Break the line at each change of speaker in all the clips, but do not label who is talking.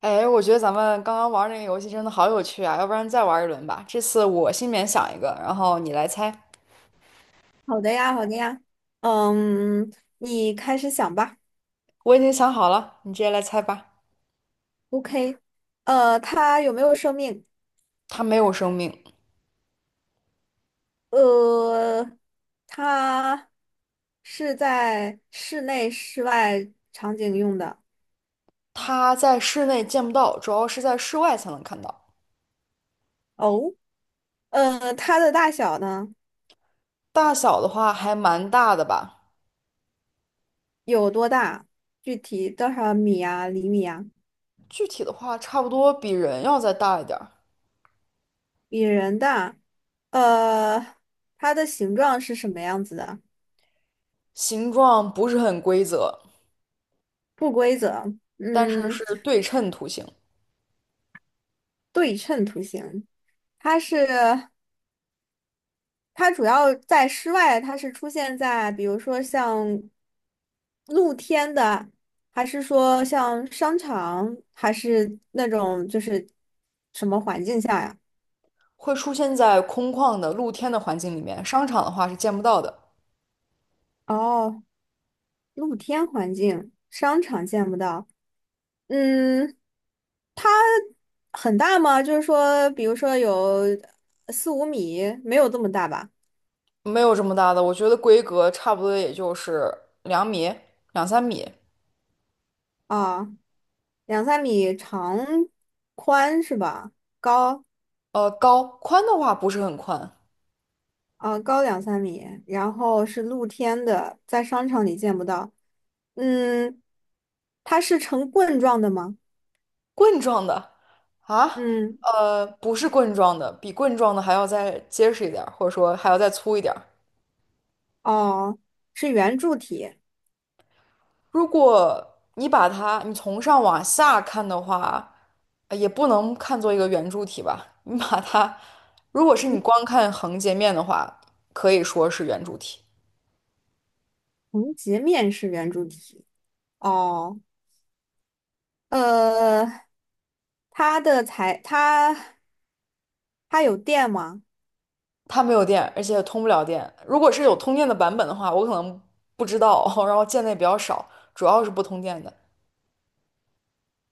哎，我觉得咱们刚刚玩儿那个游戏真的好有趣啊，要不然再玩一轮吧。这次我心里面想一个，然后你来猜。
好的呀，好的呀，嗯，你开始想吧。
我已经想好了，你直接来猜吧。
OK，它有没有生命？
它没有生命，
呃，它是在室内、室外场景用的。
它在室内见不到，主要是在室外才能看到。
哦，它的大小呢
大小的话还蛮大的吧，
有多大？具体多少米啊、厘米啊？
具体的话差不多比人要再大一点儿。
比人大。呃，它的形状是什么样子的？
形状不是很规则，
不规则，
但是
嗯，
是对称图形，
对称图形。它是。它主要在室外，它是出现在比如说像露天的，还是说像商场，还是那种就是什么环境下呀？
会出现在空旷的露天的环境里面，商场的话是见不到的。
哦，露天环境，商场见不到。嗯，它很大吗？就是说，比如说有四五米，没有这么大吧？
没有这么大的，我觉得规格差不多也就是2米、2、3米，
啊，两三米长宽是吧？高。
呃，高，宽的话不是很宽，
高两三米，然后是露天的，在商场里见不到。嗯，它是呈棍状的吗？
棍状的啊，
嗯，
不是棍状的，比棍状的还要再结实一点儿，或者说还要再粗一点儿。
哦，是圆柱体，
如果你把它，你从上往下看的话，呃也不能看作一个圆柱体吧，你把它，如果是你光看横截面的话，可以说是圆柱体。
横截面是圆柱体。哦，呃，它的材，它有电吗？
它没有电，而且通不了电。如果是有通电的版本的话，我可能不知道，然后见的也比较少，主要是不通电的。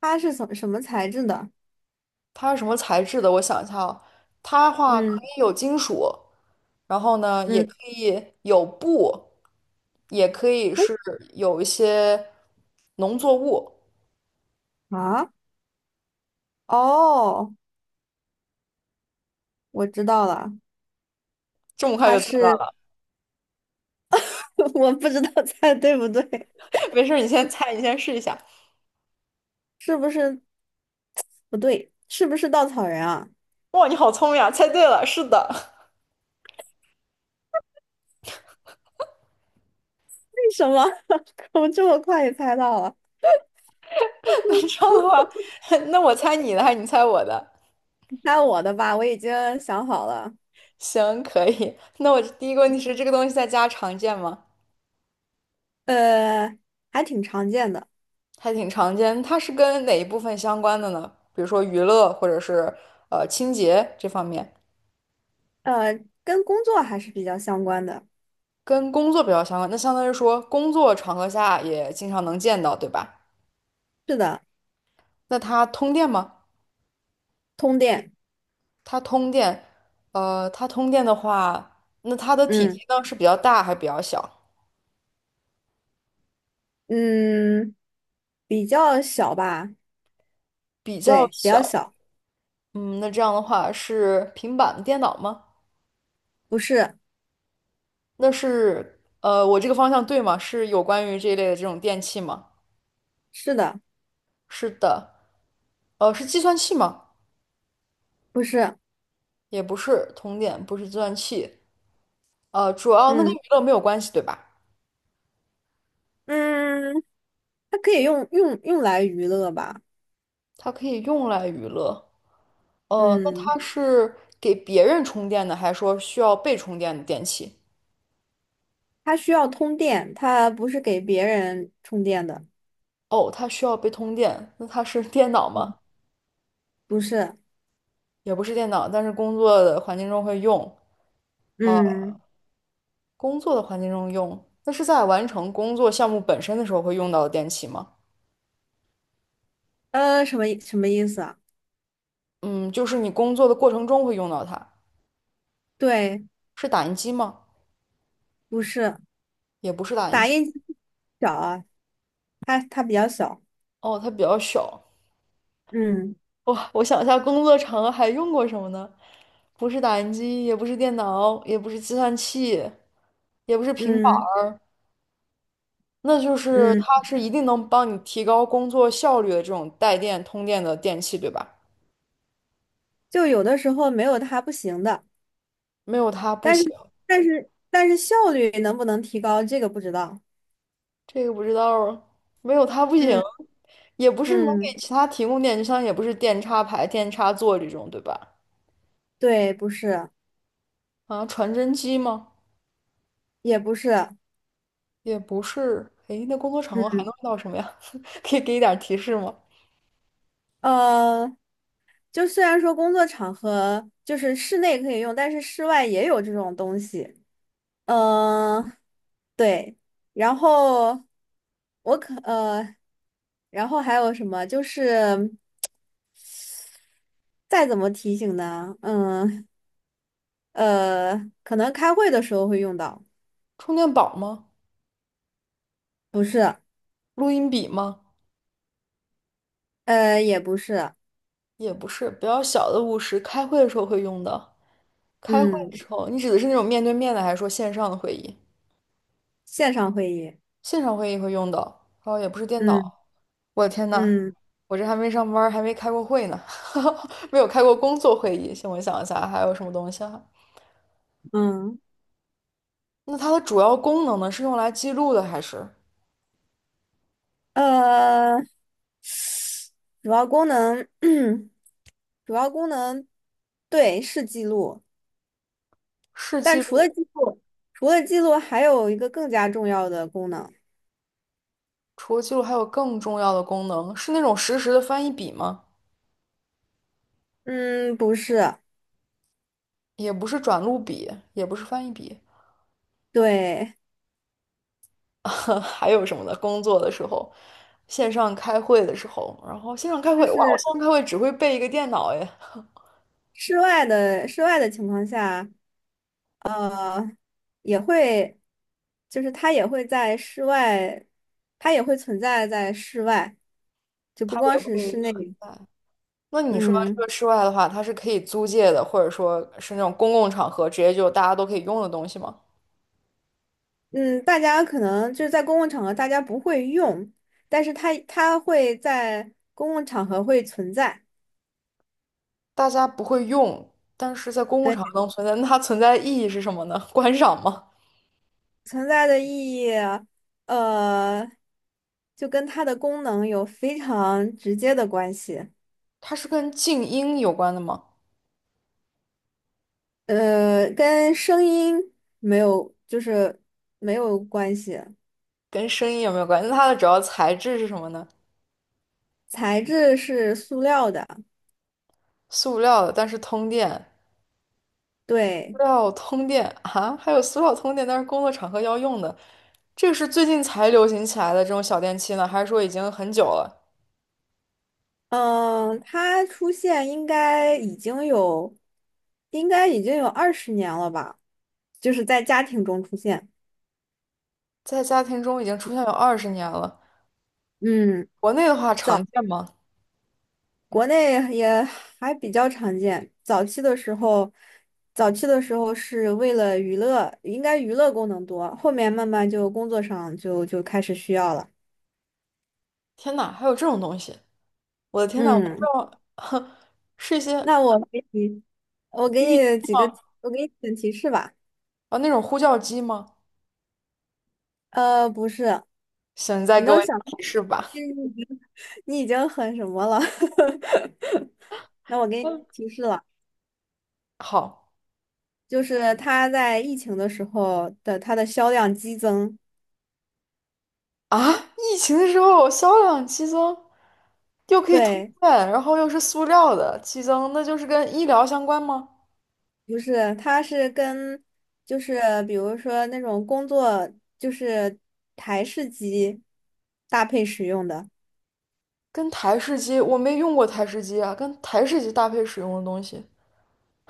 它是什么材质的？
它是什么材质的？我想一下哦，它的话可
嗯
以有金属，然后呢，也
嗯，
可以有布，也可以是有一些农作物。
啊，哦，我知道了，
这么快
它
就猜到
是，
了？
我不知道猜对不对，
没事儿，你先猜，你先试一下。
是不是不对？是不是稻草人啊？
哇，你好聪明啊！猜对了，是的。
为什么？我这么快也猜到了？
那这样的话，那我猜你的还是你猜我的？
猜我的吧，我已经想好了。
行，可以。那我第一个问题是，这个东西在家常见吗？
呃，还挺常见的，
还挺常见。它是跟哪一部分相关的呢？比如说娱乐，或者是清洁这方面，
呃，跟工作还是比较相关的。
跟工作比较相关。那相当于说，工作场合下也经常能见到，对吧？
是的，
那它通电吗？
通电，
它通电，它通电的话，那它的体积
嗯
呢是比较大还是比较小？
嗯，比较小吧？
比较
对，比较
小。
小，
嗯，那这样的话是平板电脑吗？
不是，
那是我这个方向对吗？是有关于这一类的这种电器吗？
是的，
是的，是计算器吗？
不是，
也不是，通电不是计算器，主要那跟
嗯
娱乐没有关系，对吧？
嗯，它可以用来娱乐吧？
它可以用来娱乐，那
嗯，
它是给别人充电的，还是说需要被充电的电器？
它需要通电，它不是给别人充电的，
哦，它需要被通电，那它是电脑吗？
不是，
也不是电脑，但是工作的环境中会用，
嗯，
工作的环境中用，那是在完成工作项目本身的时候会用到的电器吗？
呃，什么意思啊？
嗯，就是你工作的过程中会用到它，
对，
是打印机吗？
不是
也不是打印
打
机，
印机小啊，它比较小，
哦，它比较小。
嗯
哇，我想一下，工作场合还用过什么呢？不是打印机，也不是电脑，也不是计算器，也不是平板
嗯
儿，那就是它
嗯，
是一定能帮你提高工作效率的这种带电通电的电器，对吧？
就有的时候没有它不行的，
没有它不
但
行，
是效率能不能提高，这个不知道。
这个不知道啊，没有它不行，
嗯
也不是能
嗯，
给其他提供电，就像也不是电插排、电插座这种，对吧？
对，不是，
啊，传真机吗？
也不是，
也不是，诶，那工作场合还
嗯
能用到什么呀？可以给一点提示吗？
呃，就虽然说工作场合就是室内可以用，但是室外也有这种东西。嗯、呃对，然后我可呃，然后还有什么就是。再怎么提醒呢？嗯，呃，可能开会的时候会用到，
充电宝吗？
不是，
录音笔吗？
呃，也不是，
也不是，比较小的务实，开会的时候会用的。开会的
嗯，
时候，你指的是那种面对面的，还是说线上的会议？
线上会议，
线上会议会用到，然后也不是电
嗯
脑。我的天呐，
嗯
我这还没上班儿还没开过会呢，没有开过工作会议。先我想一下，还有什么东西啊？
嗯，
那它的主要功能呢，是用来记录的，还是？
呃，主要功能，主要功能，对，是记录，
是
但
记
除了
录。
记录，除了记录，还有一个更加重要的功能，
除了记录，还有更重要的功能，是那种实时的翻译笔吗？
嗯，不是，
也不是转录笔，也不是翻译笔，
对，
还有什么呢？工作的时候，线上开会的时候，然后线上开
就
会，哇，我
是
线上开会只会备一个电脑哎，
室外的情况下。呃，也会，就是它也会在室外，它也会存在在室外，就 不
它
光
也
是
会
室内。
在那你说这
嗯
个室外的话，它是可以租借的，或者说是那种公共场合直接就大家都可以用的东西吗？
嗯，大家可能就是在公共场合大家不会用，但是它会在公共场合会存在。
大家不会用，但是在公共场
对，
合能存在，那它存在的意义是什么呢？观赏吗？
存在的意义，呃，就跟它的功能有非常直接的关系。
它是跟静音有关的吗？
呃，跟声音没有，就是没有关系。
跟声音有没有关系？那它的主要材质是什么呢？
材质是塑料的，
塑料的，但是通电，塑
对，
料通电啊，还有塑料通电，但是工作场合要用的，这个是最近才流行起来的这种小电器呢，还是说已经很久了，
嗯，它出现应该已经有，应该已经有二十年了吧，就是在家庭中出现，
在家庭中已经出现有20年了？
嗯，
国内的话常见吗？
国内也还比较常见。早期的时候，早期的时候是为了娱乐，应该娱乐功能多，后面慢慢就工作上开始需要了。
天呐，还有这种东西！我的天呐，我都不知
嗯，
道，哼，是一些
那我给你，我给
BB
你几个，我给你几个提示吧。
啊那种呼叫机吗？
呃，不是，
行，你再
你
给
能
我一点
想。
提示吧。
你已经你已经很什么了？那我给你
嗯，
提示了，
好
就是它在疫情的时候的它的销量激增。
啊，疫情的时候销量激增。又可以通
对，
电，然后又是塑料的，激增，那就是跟医疗相关吗？
不是，它是跟就是比如说那种工作就是台式机搭配使用的。
跟台式机，我没用过台式机啊，跟台式机搭配使用的东西，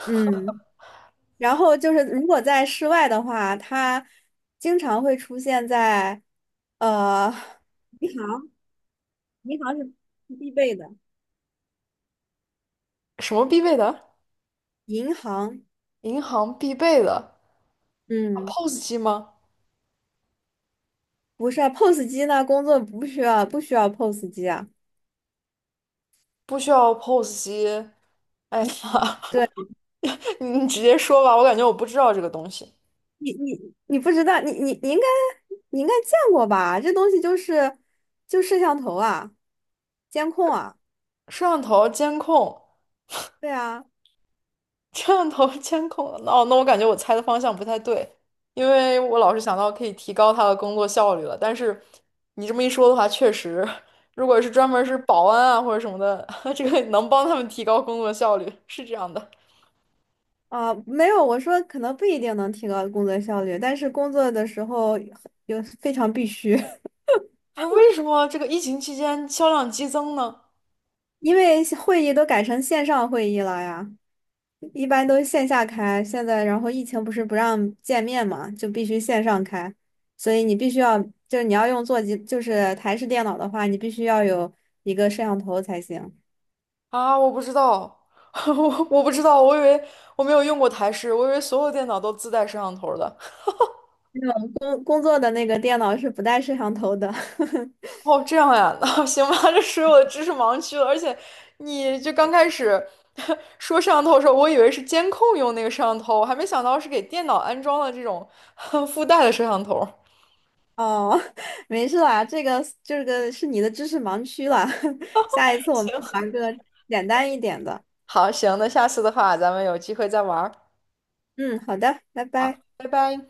嗯，然后就是如果在室外的话，它经常会出现在呃银行，银行是必备的，
什么必备的？
银行。
银行必备的啊
嗯，
POS机吗？
不是啊，POS 机呢？工作不需要，不需要 POS 机啊。
不需要 POS 机。哎呀，
对，
你直接说吧，我感觉我不知道这个东西。
你不知道，你应该见过吧？这东西就是就摄像头啊，监控啊，
摄像头监控
对啊，
摄像头监控哦，那我感觉我猜的方向不太对，因为我老是想到可以提高他的工作效率了。但是你这么一说的话，确实，如果是专门是保安啊或者什么的，这个能帮他们提高工作效率，是这样的。
啊、没有，我说可能不一定能提高工作效率，但是工作的时候有非常必须，
不是为什么这个疫情期间销量激增呢？
因为会议都改成线上会议了呀。一般都是线下开，现在然后疫情不是不让见面嘛，就必须线上开，所以你必须要，就是你要用座机，就是台式电脑的话，你必须要有一个摄像头才行。
啊，我不知道，我不知道，我以为我没有用过台式，我以为所有电脑都自带摄像头的。
我种工作的那个电脑是不带摄像头的。
哦，这样呀，那行吧，这属于我的知识盲区了。而且，你就刚开始 说摄像头的时候，我以为是监控用那个摄像头，我还没想到是给电脑安装了这种 附带的摄像头。
哦，没事啦，这个是你的知识盲区了，下一次我 们
行，
玩个简单一点的。
好，行，那下次的话，咱们有机会再玩儿。
嗯，好的，拜
好，
拜。
拜拜。